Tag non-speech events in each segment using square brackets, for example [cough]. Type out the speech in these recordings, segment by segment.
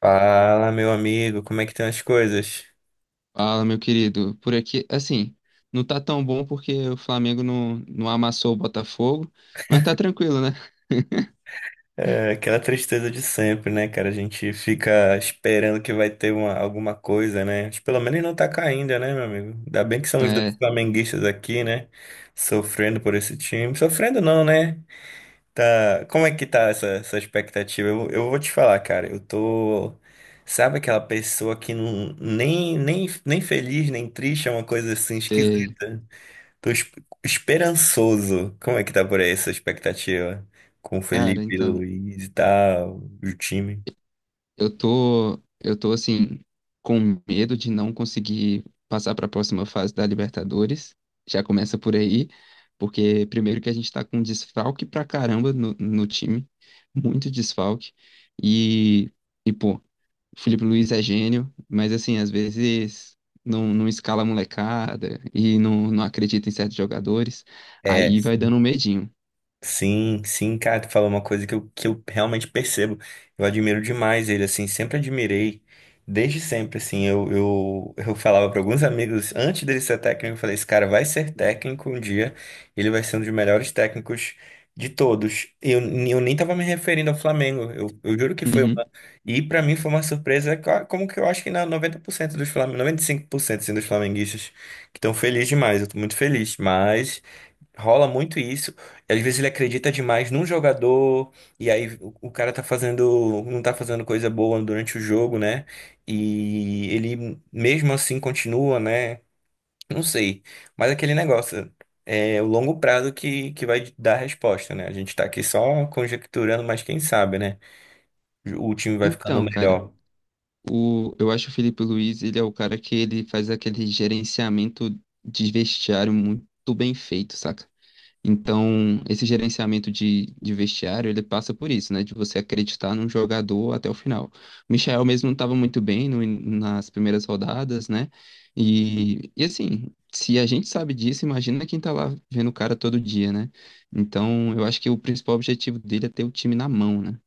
Fala, meu amigo, como é que estão as coisas? Fala, meu querido. Por aqui, assim, não tá tão bom porque o Flamengo não amassou o Botafogo, mas tá tranquilo, né? É aquela tristeza de sempre, né, cara? A gente fica esperando que vai ter alguma coisa, né? Mas pelo menos não tá caindo, né, meu amigo? Ainda bem que são os dois É, flamenguistas aqui, né? Sofrendo por esse time. Sofrendo não, né? Tá... Como é que tá essa expectativa? Eu vou te falar, cara, eu tô... Sabe aquela pessoa que nem feliz, nem triste, é uma coisa assim sei. esquisita. Tô es- Esperançoso. Como é que tá por aí essa expectativa? Com o Cara, Felipe então, Luiz e tal, o time? eu tô, eu tô assim, com medo de não conseguir passar para a próxima fase da Libertadores. Já começa por aí, porque primeiro que a gente tá com desfalque pra caramba no time, muito desfalque. E, e pô, Felipe Luiz é gênio, mas assim, às vezes não escala a molecada e não acredita em certos jogadores, É. aí vai dando um medinho. Sim, sim, cara, tu falou uma coisa que eu realmente percebo. Eu admiro demais ele, assim, sempre admirei, desde sempre, assim. Eu falava para alguns amigos, antes dele ser técnico, eu falei: esse cara vai ser técnico um dia, ele vai ser um dos melhores técnicos de todos. Eu nem tava me referindo ao Flamengo, eu juro que foi Uhum. uma. E para mim foi uma surpresa, como que eu acho que na 90% dos Flamengo, 95% assim, dos flamenguistas que estão felizes demais, eu tô muito feliz, mas. Rola muito isso. E às vezes ele acredita demais num jogador, e aí o cara tá fazendo, não tá fazendo coisa boa durante o jogo, né? E ele mesmo assim continua, né? Não sei. Mas aquele negócio é o longo prazo que vai dar a resposta, né? A gente tá aqui só conjecturando, mas quem sabe, né? O time vai ficando Então, cara, melhor. Eu acho o Felipe Luiz, ele é o cara que ele faz aquele gerenciamento de vestiário muito bem feito, saca? Então, esse gerenciamento de vestiário, ele passa por isso, né? De você acreditar num jogador até o final. O Michael mesmo não estava muito bem no nas primeiras rodadas, né? E assim, se a gente sabe disso, imagina quem tá lá vendo o cara todo dia, né? Então, eu acho que o principal objetivo dele é ter o time na mão, né?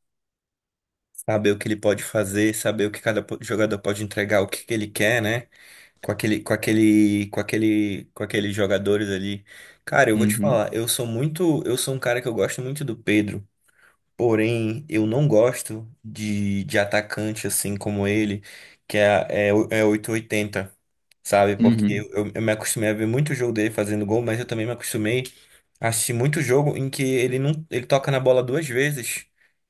Saber o que ele pode fazer, saber o que jogador pode entregar, o que que ele quer, né? Com aqueles jogadores ali. Cara, eu vou te Uhum, falar, eu sou muito, eu sou um cara que eu gosto muito do Pedro, porém eu não gosto de atacante assim como ele, que é, é, o- é 880, sabe? Porque uhum. eu, eu eu me acostumei a ver muito jogo dele fazendo gol, mas eu também me acostumei a assistir muito jogo em que ele não, ele toca na bola duas vezes.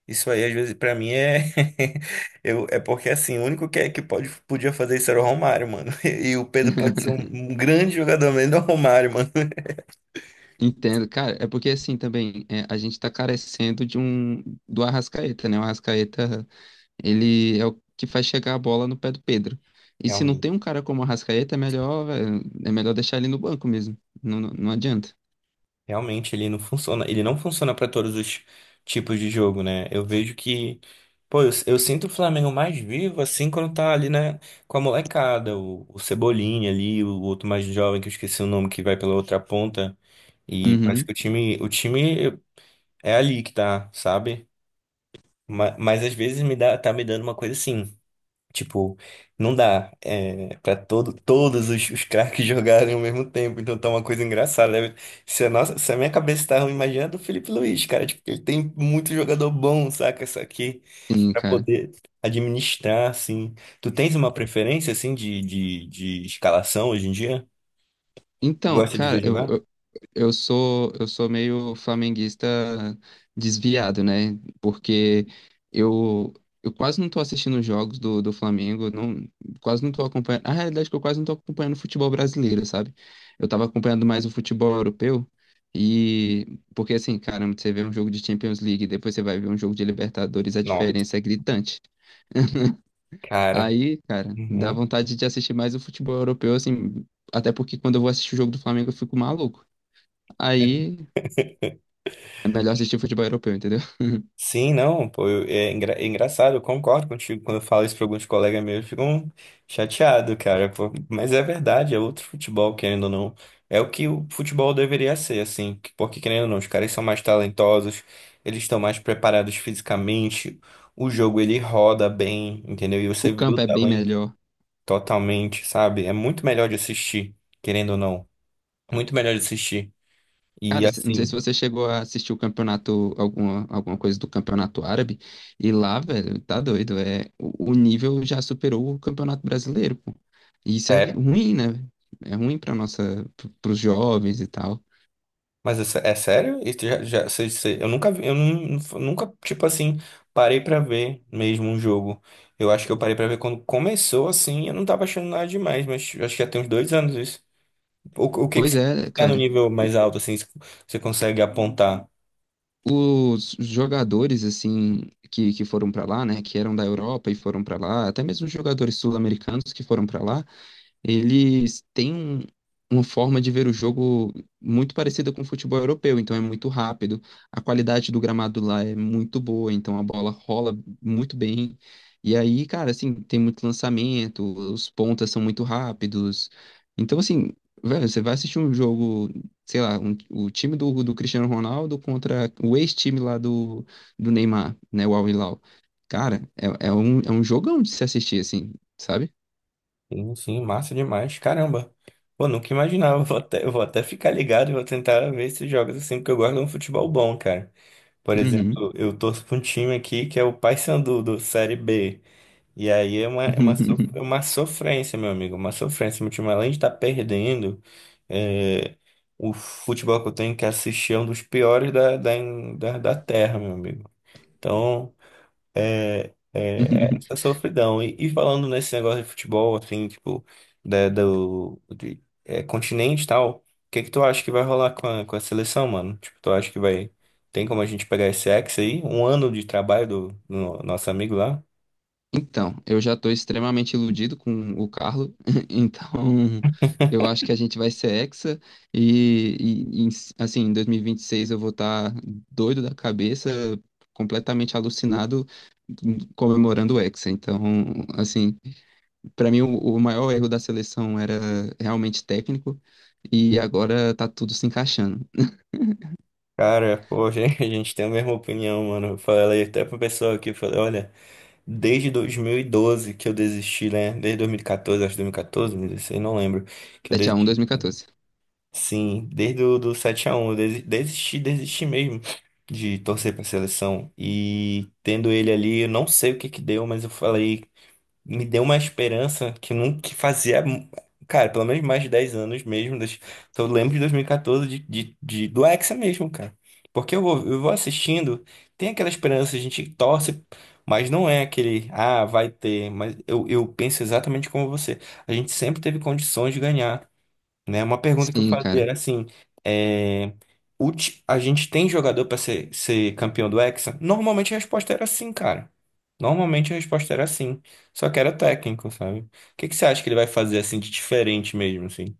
Isso aí, às vezes, pra mim é. [laughs] É porque, assim, o único que pode, podia fazer isso era o Romário, mano. [laughs] E o Pedro pode ser [laughs] um grande jogador, mas não é o Romário, mano. Entendo, cara, é porque assim também é, a gente tá carecendo de um do Arrascaeta, né? O Arrascaeta ele é o que faz chegar a bola no pé do Pedro. E se não Realmente. tem um cara como o Arrascaeta, é melhor, velho, é melhor deixar ele no banco mesmo. Não, não, não adianta. Realmente ele não funciona para todos os tipos de jogo, né? Eu vejo que, pô, eu sinto o Flamengo mais vivo assim quando tá ali, né, com a molecada, o Cebolinha ali, o outro mais jovem que eu esqueci o nome que vai pela outra ponta e parece Uhum, que o time é ali que tá, sabe? Mas, às vezes me dá, tá me dando uma coisa assim. Tipo, não dá é, para todos os craques [laughs] jogarem ao mesmo tempo. Então tá uma coisa engraçada, né? Se a, nossa, se a minha cabeça tá ruim, imagina a do Felipe Luiz, cara. Tipo, ele tem muito jogador bom, saca? Isso aqui, sim, pra cara. poder administrar, assim. Tu tens uma preferência, assim, de escalação hoje em dia? Tu Então, gosta de ver cara, jogar? eu, eu sou meio flamenguista desviado, né? Porque eu eu quase não tô assistindo os jogos do Flamengo, não, quase não tô acompanhando. A realidade é que eu quase não tô acompanhando o futebol brasileiro, sabe? Eu tava acompanhando mais o futebol europeu e porque assim, caramba, você vê um jogo de Champions League, depois você vai ver um jogo de Libertadores, a Nossa, diferença é gritante. [laughs] cara. Aí, cara, dá Uhum. vontade de assistir mais o futebol europeu, assim, até porque quando eu vou assistir o jogo do Flamengo eu fico maluco. Aí é melhor assistir futebol europeu, entendeu? Sim, não, pô, é engraçado, eu concordo contigo. Quando eu falo isso para alguns colegas meus, ficam chateados, cara, pô, mas é verdade, é outro futebol, querendo ou não. É o que o futebol deveria ser, assim, porque querendo ou não, os caras são mais talentosos, eles estão mais preparados fisicamente, o jogo ele roda bem, entendeu? E O você vê o campo é bem talento melhor. totalmente, sabe? É muito melhor de assistir, querendo ou não, muito melhor de assistir. E Cara, não sei se assim. você chegou a assistir o campeonato, alguma, alguma coisa do campeonato árabe, e lá, velho, tá doido, é, o nível já superou o campeonato brasileiro, pô. E isso é Sério? ruim, né? É ruim para nossa, para os jovens e tal. É sério? Eu nunca vi, nunca, tipo assim, parei pra ver mesmo um jogo. Eu acho que eu parei pra ver quando começou assim, eu não tava achando nada demais, mas acho que já tem uns dois anos isso. O que que Pois você é, tá no cara. nível mais alto, assim, você consegue apontar? Os jogadores, assim, que foram para lá, né, que eram da Europa e foram para lá, até mesmo os jogadores sul-americanos que foram para lá, eles têm uma forma de ver o jogo muito parecida com o futebol europeu, então é muito rápido. A qualidade do gramado lá é muito boa, então a bola rola muito bem. E aí, cara, assim, tem muito lançamento, os pontas são muito rápidos. Então, assim, velho, você vai assistir um jogo, sei lá, o time do Cristiano Ronaldo contra o ex-time lá do, do Neymar, né, o Al Hilal. Cara, é, é um jogão de se assistir, assim, sabe? Sim, sim, massa demais, caramba. Pô, nunca imaginava, [laughs] eu vou até ficar ligado e vou tentar ver esses jogos assim, porque eu gosto de um futebol bom, cara. Por Uhum. exemplo, eu torço pra um time aqui que é o Paysandu, do Série B. E aí é é [laughs] uma sofrência, meu amigo, uma sofrência. Meu time, além de estar perdendo, é, o futebol que eu tenho que assistir é um dos piores da terra, meu amigo. Então, é, é essa [laughs] sofridão. E falando nesse negócio de futebol, assim, tipo, da, do de, é, continente e tal, o que que tu acha que vai rolar com com a seleção, mano? Tipo, tu acha que vai... Tem como a gente pegar esse ex aí? Um ano de trabalho do nosso amigo lá? Então, eu já estou extremamente iludido com o Carlo, [laughs] então eu acho que a gente vai ser hexa e, e- e, assim, em 2026 eu vou estar doido da cabeça, completamente alucinado, comemorando o hexa. Então, assim, para mim o maior erro da seleção era realmente técnico e agora tá tudo se encaixando. Cara, pô, [laughs] a gente tem a mesma opinião, mano. Eu falei até pro pessoal aqui, eu falei, olha, desde 2012 que eu desisti, né? Desde 2014, acho que dois mil e 2016, não lembro, que eu 7x1 desisti, né? 2014. Sim, desde o do 7x1, desisti, desisti mesmo de torcer pra seleção. E tendo ele ali, eu não sei o que que deu, mas eu falei, me deu uma esperança que nunca que fazia, cara, pelo menos mais de 10 anos mesmo. Das, então eu lembro de 2014 do Hexa mesmo, cara. Eu vou assistindo, tem aquela esperança, a gente torce, mas não é aquele, ah, vai ter. Eu penso exatamente como você. A gente sempre teve condições de ganhar, né? Uma pergunta que eu Sim, fazia cara. era assim, é, a gente tem jogador para ser, ser campeão do Hexa? Normalmente a resposta era sim, cara. Normalmente a resposta era sim, só que era técnico, sabe? O que que você acha que ele vai fazer assim de diferente mesmo, assim?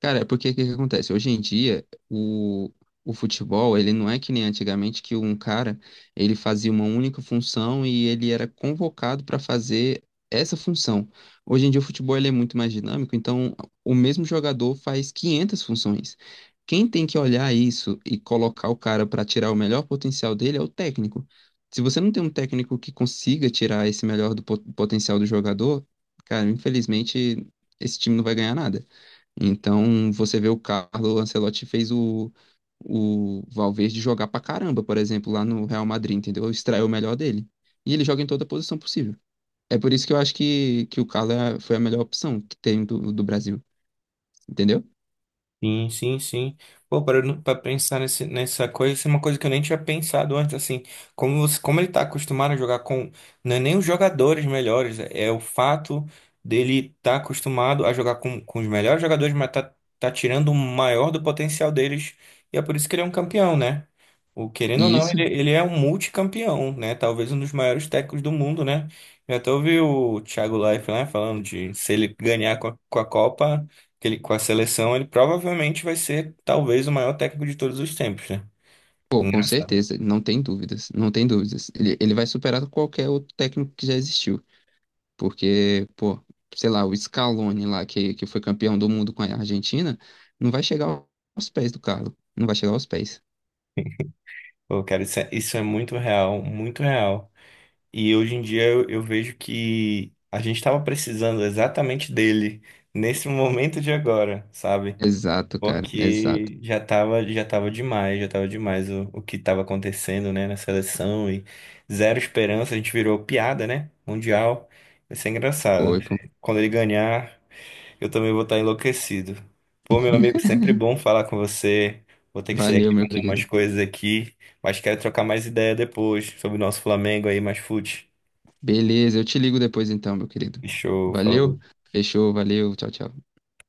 Cara, é porque o que que acontece? Hoje em dia, o futebol, ele não é que nem antigamente que um cara, ele fazia uma única função e ele era convocado para fazer essa função. Hoje em dia o futebol ele é muito mais dinâmico, então o mesmo jogador faz 500 funções. Quem tem que olhar isso e colocar o cara para tirar o melhor potencial dele é o técnico. Se você não tem um técnico que consiga tirar esse melhor do potencial do jogador, cara, infelizmente esse time não vai ganhar nada. Então, você vê o Carlo Ancelotti fez o Valverde jogar pra caramba, por exemplo, lá no Real Madrid, entendeu? Extraiu o melhor dele. E ele joga em toda posição possível. É por isso que eu acho que o foi a melhor opção que tem do Brasil, entendeu? Sim, sim, sim. Pô, para para pensar nessa coisa, isso é uma coisa que eu nem tinha pensado antes, assim, como você, como ele tá acostumado a jogar com, não é nem os jogadores melhores, é o fato dele tá acostumado a jogar com os melhores jogadores, mas tá tirando o maior do potencial deles, e é por isso que ele é um campeão, né? O, querendo ou E não, isso, ele é um multicampeão, né? Talvez um dos maiores técnicos do mundo, né? Eu até ouvi o Thiago Leifert, né, falando de se ele ganhar com com a Copa com a seleção, ele provavelmente vai ser talvez o maior técnico de todos os tempos, né? pô, com Engraçado. certeza, não tem dúvidas, não tem dúvidas. Ele vai superar qualquer outro técnico que já existiu, porque, pô, sei lá, o Scaloni lá, que foi campeão do mundo com a Argentina, não vai chegar aos pés do Carlo, não vai chegar aos pés. Pô, cara, isso é muito real, muito real. E hoje em dia eu vejo que a gente estava precisando exatamente dele nesse [laughs] momento de agora, sabe? Exato, cara. Exato. Porque já tava demais o que estava acontecendo, né, na seleção e zero esperança, a gente virou piada, né? Mundial. Vai ser engraçado. Foi, pô. Quando ele ganhar. Eu também vou estar enlouquecido. Pô, meu amigo, sempre bom [laughs] falar com você. Vou ter que sair Valeu, aqui meu fazer umas querido. coisas aqui, mas quero trocar mais ideia depois sobre o nosso Flamengo aí, mais fute. Beleza, eu te ligo depois então, meu querido. Show, Valeu. falou. Fechou, valeu. Tchau, tchau.